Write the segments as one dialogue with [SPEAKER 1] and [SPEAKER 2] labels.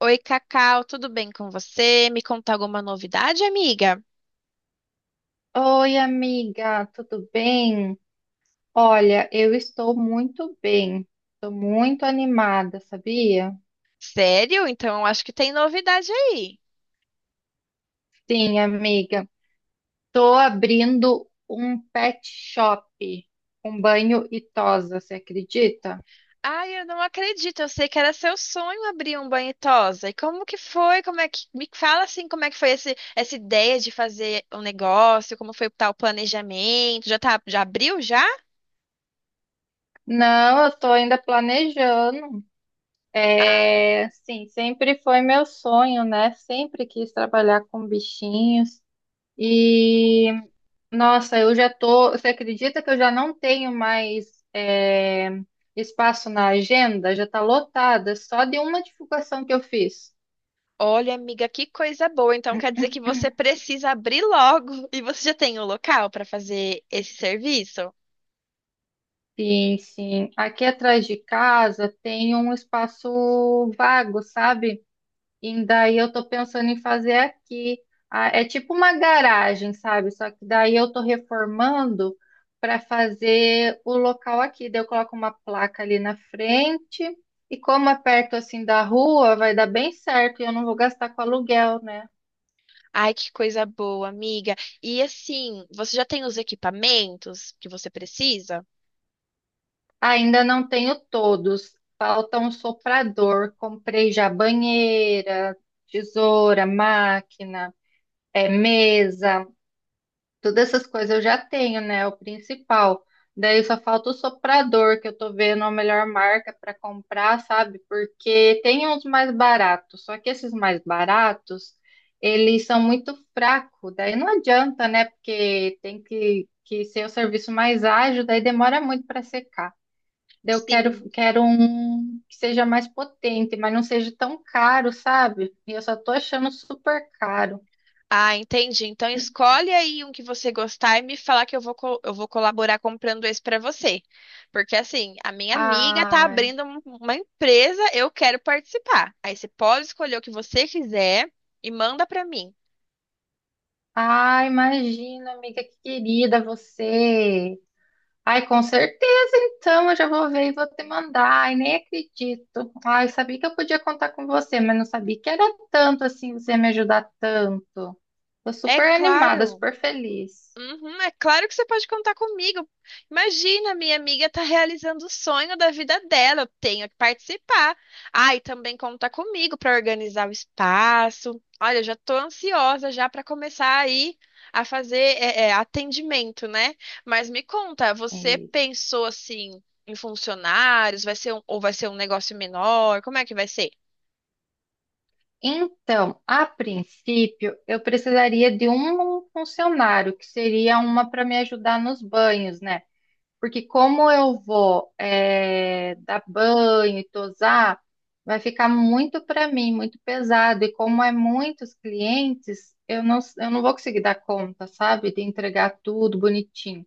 [SPEAKER 1] Oi, Cacau, tudo bem com você? Me conta alguma novidade, amiga?
[SPEAKER 2] Oi, amiga, tudo bem? Olha, eu estou muito bem, estou muito animada, sabia?
[SPEAKER 1] Sério? Então acho que tem novidade aí.
[SPEAKER 2] Sim, amiga, estou abrindo um pet shop com banho e tosa, você acredita?
[SPEAKER 1] Ai, eu não acredito. Eu sei que era seu sonho abrir um banho e tosa. E como que foi? Como é que me fala assim, como é que foi essa ideia de fazer um negócio? Como foi tá, o planejamento? Já tá, já abriu já?
[SPEAKER 2] Não, eu estou ainda planejando.
[SPEAKER 1] Ah.
[SPEAKER 2] É, sim, sempre foi meu sonho, né? Sempre quis trabalhar com bichinhos. e Nossa, eu já tô. Você acredita que eu já não tenho mais espaço na agenda? Já tá lotada, só de uma divulgação que eu fiz.
[SPEAKER 1] Olha, amiga, que coisa boa. Então quer dizer que você precisa abrir logo e você já tem o local para fazer esse serviço?
[SPEAKER 2] Sim, sim. Aqui atrás de casa tem um espaço vago, sabe? E daí eu tô pensando em fazer aqui. Ah, é tipo uma garagem, sabe? Só que daí eu tô reformando para fazer o local aqui. Daí eu coloco uma placa ali na frente. E como é perto assim da rua, vai dar bem certo e eu não vou gastar com aluguel, né?
[SPEAKER 1] Ai, que coisa boa, amiga. E assim, você já tem os equipamentos que você precisa?
[SPEAKER 2] Ainda não tenho todos. Falta um soprador. Comprei já banheira, tesoura, máquina, mesa. Todas essas coisas eu já tenho, né? O principal. Daí só falta o soprador, que eu tô vendo a melhor marca para comprar, sabe? Porque tem uns mais baratos, só que esses mais baratos, eles são muito fracos. Daí não adianta, né? Porque tem que ser o serviço mais ágil, daí demora muito para secar. Daí eu
[SPEAKER 1] Sim.
[SPEAKER 2] quero um que seja mais potente, mas não seja tão caro, sabe? E eu só tô achando super caro.
[SPEAKER 1] Ah, entendi. Então escolhe aí um que você gostar e me falar que eu vou colaborar comprando esse para você. Porque assim, a minha amiga tá
[SPEAKER 2] Ah.
[SPEAKER 1] abrindo uma empresa, eu quero participar. Aí você pode escolher o que você quiser e manda para mim.
[SPEAKER 2] Ah, imagina, amiga, que querida você. Ai, com certeza, então, eu já vou ver e vou te mandar. Ai, nem acredito. Ai, sabia que eu podia contar com você, mas não sabia que era tanto assim, você ia me ajudar tanto. Tô
[SPEAKER 1] É
[SPEAKER 2] super animada,
[SPEAKER 1] claro.
[SPEAKER 2] super feliz.
[SPEAKER 1] Uhum, é claro que você pode contar comigo. Imagina, minha amiga tá realizando o sonho da vida dela. Eu tenho que participar. Ah, e também conta comigo para organizar o espaço. Olha, eu já tô ansiosa já para começar aí a fazer atendimento, né? Mas me conta,
[SPEAKER 2] É
[SPEAKER 1] você
[SPEAKER 2] isso.
[SPEAKER 1] pensou assim em funcionários? Vai ser um, ou vai ser um negócio menor? Como é que vai ser?
[SPEAKER 2] Então, a princípio, eu precisaria de um funcionário, que seria uma para me ajudar nos banhos, né? Porque como eu vou dar banho e tosar, vai ficar muito para mim, muito pesado. E como é muitos clientes, eu não vou conseguir dar conta, sabe? De entregar tudo bonitinho.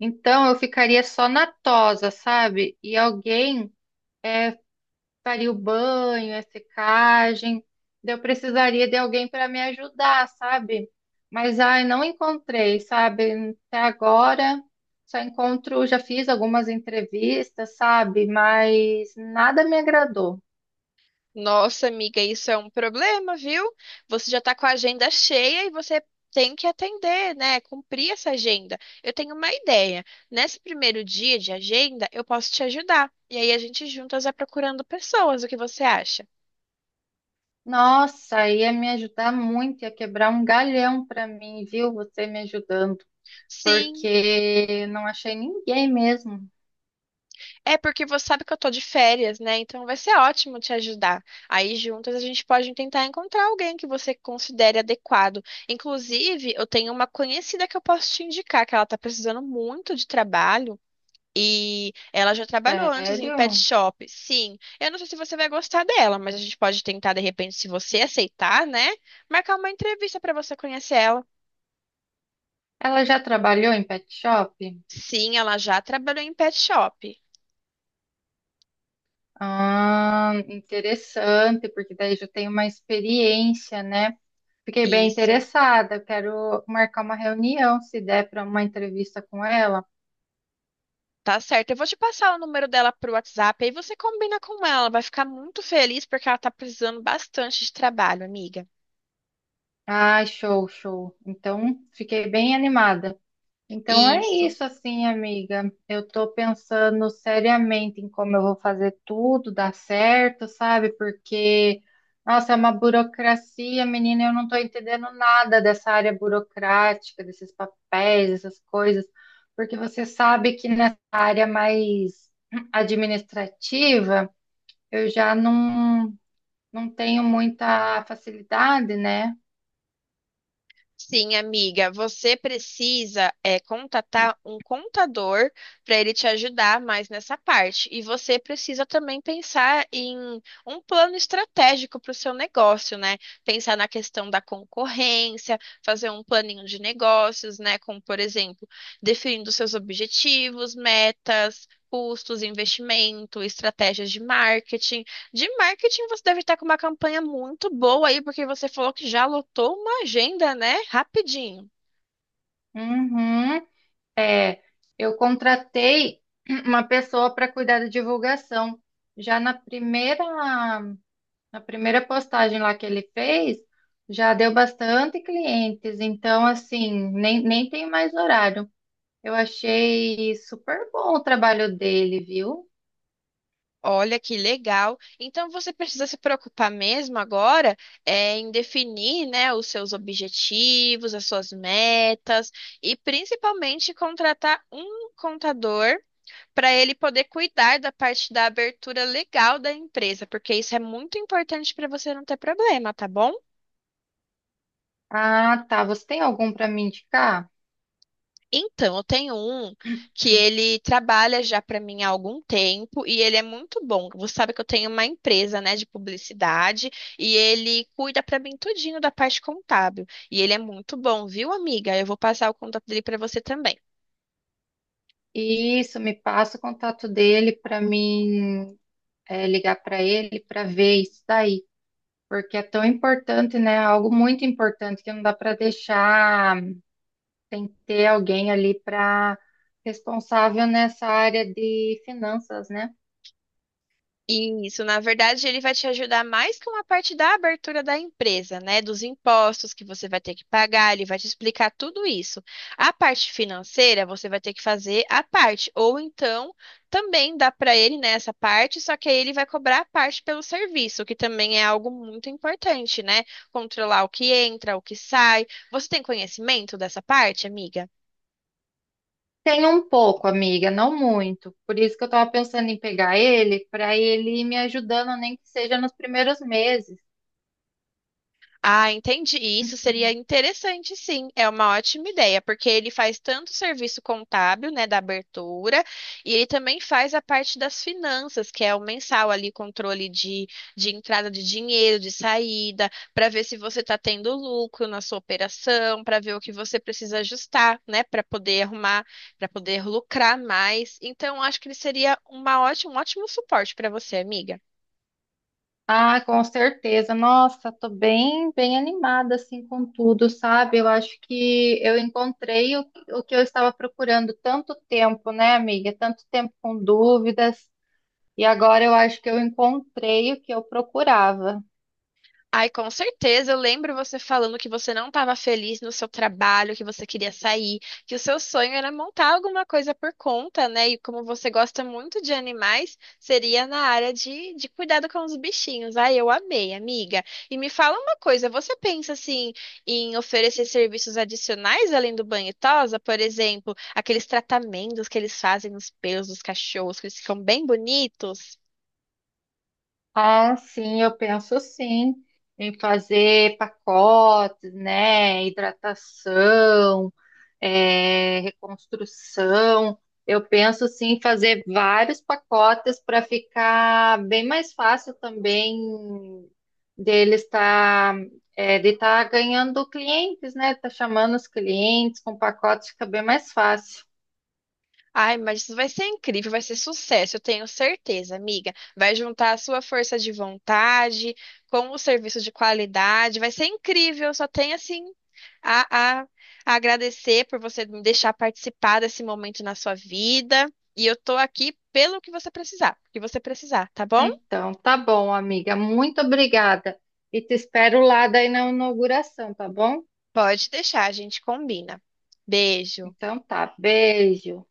[SPEAKER 2] Então eu ficaria só na tosa, sabe? E alguém faria o banho, a secagem. Daí eu precisaria de alguém para me ajudar, sabe? Mas ai, não encontrei, sabe? Até agora só encontro, já fiz algumas entrevistas, sabe? Mas nada me agradou.
[SPEAKER 1] Nossa, amiga, isso é um problema, viu? Você já tá com a agenda cheia e você tem que atender, né? Cumprir essa agenda. Eu tenho uma ideia. Nesse primeiro dia de agenda, eu posso te ajudar. E aí a gente juntas vai procurando pessoas. O que você acha?
[SPEAKER 2] Nossa, ia me ajudar muito, ia quebrar um galhão para mim, viu? Você me ajudando,
[SPEAKER 1] Sim,
[SPEAKER 2] porque não achei ninguém mesmo.
[SPEAKER 1] é porque você sabe que eu tô de férias, né? Então vai ser ótimo te ajudar. Aí juntas a gente pode tentar encontrar alguém que você considere adequado. Inclusive, eu tenho uma conhecida que eu posso te indicar, que ela tá precisando muito de trabalho. E ela já trabalhou antes em pet
[SPEAKER 2] Sério?
[SPEAKER 1] shop. Sim, eu não sei se você vai gostar dela, mas a gente pode tentar, de repente, se você aceitar, né? Marcar uma entrevista para você conhecer ela.
[SPEAKER 2] Ela já trabalhou em pet shop?
[SPEAKER 1] Sim, ela já trabalhou em pet shop.
[SPEAKER 2] Ah, interessante, porque daí já tenho uma experiência, né? Fiquei bem
[SPEAKER 1] Isso,
[SPEAKER 2] interessada, quero marcar uma reunião, se der para uma entrevista com ela.
[SPEAKER 1] tá certo. Eu vou te passar o número dela pro WhatsApp, aí você combina com ela. Vai ficar muito feliz porque ela tá precisando bastante de trabalho, amiga.
[SPEAKER 2] Ah, show, show. Então, fiquei bem animada. Então é
[SPEAKER 1] Isso.
[SPEAKER 2] isso, assim, amiga. Eu tô pensando seriamente em como eu vou fazer tudo dar certo, sabe? Porque, nossa, é uma burocracia, menina, eu não tô entendendo nada dessa área burocrática, desses papéis, essas coisas. Porque você sabe que nessa área mais administrativa, eu já não, não tenho muita facilidade, né?
[SPEAKER 1] Sim, amiga, você precisa contatar um contador para ele te ajudar mais nessa parte. E você precisa também pensar em um plano estratégico para o seu negócio, né? Pensar na questão da concorrência, fazer um planinho de negócios, né? Como, por exemplo, definindo seus objetivos, metas. Custos, investimento, estratégias de marketing. De marketing, você deve estar com uma campanha muito boa aí, porque você falou que já lotou uma agenda, né? Rapidinho.
[SPEAKER 2] Uhum. É, eu contratei uma pessoa para cuidar da divulgação. Já na primeira, na primeira postagem lá que ele fez, já deu bastante clientes. Então, assim, nem tem mais horário. Eu achei super bom o trabalho dele, viu?
[SPEAKER 1] Olha que legal. Então você precisa se preocupar mesmo agora em definir, né, os seus objetivos, as suas metas e principalmente contratar um contador para ele poder cuidar da parte da abertura legal da empresa, porque isso é muito importante para você não ter problema, tá bom?
[SPEAKER 2] Ah, tá. Você tem algum para me indicar?
[SPEAKER 1] Então, eu tenho um que ele trabalha já para mim há algum tempo e ele é muito bom. Você sabe que eu tenho uma empresa, né, de publicidade e ele cuida para mim tudinho da parte contábil. E ele é muito bom, viu, amiga? Eu vou passar o contato dele para você também.
[SPEAKER 2] Isso, me passa o contato dele para mim, é, ligar para ele para ver isso daí. Porque é tão importante, né? Algo muito importante que não dá para deixar, tem que ter alguém ali para responsável nessa área de finanças, né?
[SPEAKER 1] Isso, na verdade, ele vai te ajudar mais com a parte da abertura da empresa, né? Dos impostos que você vai ter que pagar, ele vai te explicar tudo isso. A parte financeira, você vai ter que fazer a parte, ou então também dá para ele, né, essa parte, só que aí ele vai cobrar a parte pelo serviço, que também é algo muito importante, né? Controlar o que entra, o que sai. Você tem conhecimento dessa parte, amiga?
[SPEAKER 2] Tem um pouco, amiga, não muito. Por isso que eu estava pensando em pegar ele, para ele ir me ajudando, nem que seja nos primeiros meses.
[SPEAKER 1] Ah, entendi. Isso seria interessante, sim. É uma ótima ideia, porque ele faz tanto o serviço contábil, né, da abertura, e ele também faz a parte das finanças, que é o mensal ali, controle de entrada de dinheiro, de saída, para ver se você está tendo lucro na sua operação, para ver o que você precisa ajustar, né, para poder arrumar, para poder lucrar mais. Então, acho que ele seria um ótimo suporte para você, amiga.
[SPEAKER 2] Ah, com certeza. Nossa, tô bem animada assim com tudo, sabe? Eu acho que eu encontrei o que eu estava procurando tanto tempo, né, amiga? Tanto tempo com dúvidas, e agora eu acho que eu encontrei o que eu procurava.
[SPEAKER 1] Ai, com certeza. Eu lembro você falando que você não estava feliz no seu trabalho, que você queria sair, que o seu sonho era montar alguma coisa por conta, né? E como você gosta muito de animais, seria na área de cuidado com os bichinhos. Ai, eu amei, amiga. E me fala uma coisa, você pensa assim em oferecer serviços adicionais além do banho e tosa? Por exemplo, aqueles tratamentos que eles fazem nos pelos dos cachorros, que eles ficam bem bonitos?
[SPEAKER 2] Ah, sim, eu penso sim em fazer pacotes, né? Hidratação, reconstrução. Eu penso sim em fazer vários pacotes para ficar bem mais fácil também dele estar, de estar ganhando clientes, né? Tá chamando os clientes com pacotes, fica bem mais fácil.
[SPEAKER 1] Ai, mas isso vai ser incrível, vai ser sucesso, eu tenho certeza, amiga. Vai juntar a sua força de vontade com o serviço de qualidade, vai ser incrível. Só tenho assim a, a- a agradecer por você me deixar participar desse momento na sua vida. E eu tô aqui pelo que você precisar, o que você precisar, tá bom?
[SPEAKER 2] Então, tá bom, amiga. Muito obrigada. E te espero lá daí na inauguração, tá bom?
[SPEAKER 1] Pode deixar, a gente combina. Beijo.
[SPEAKER 2] Então tá, beijo.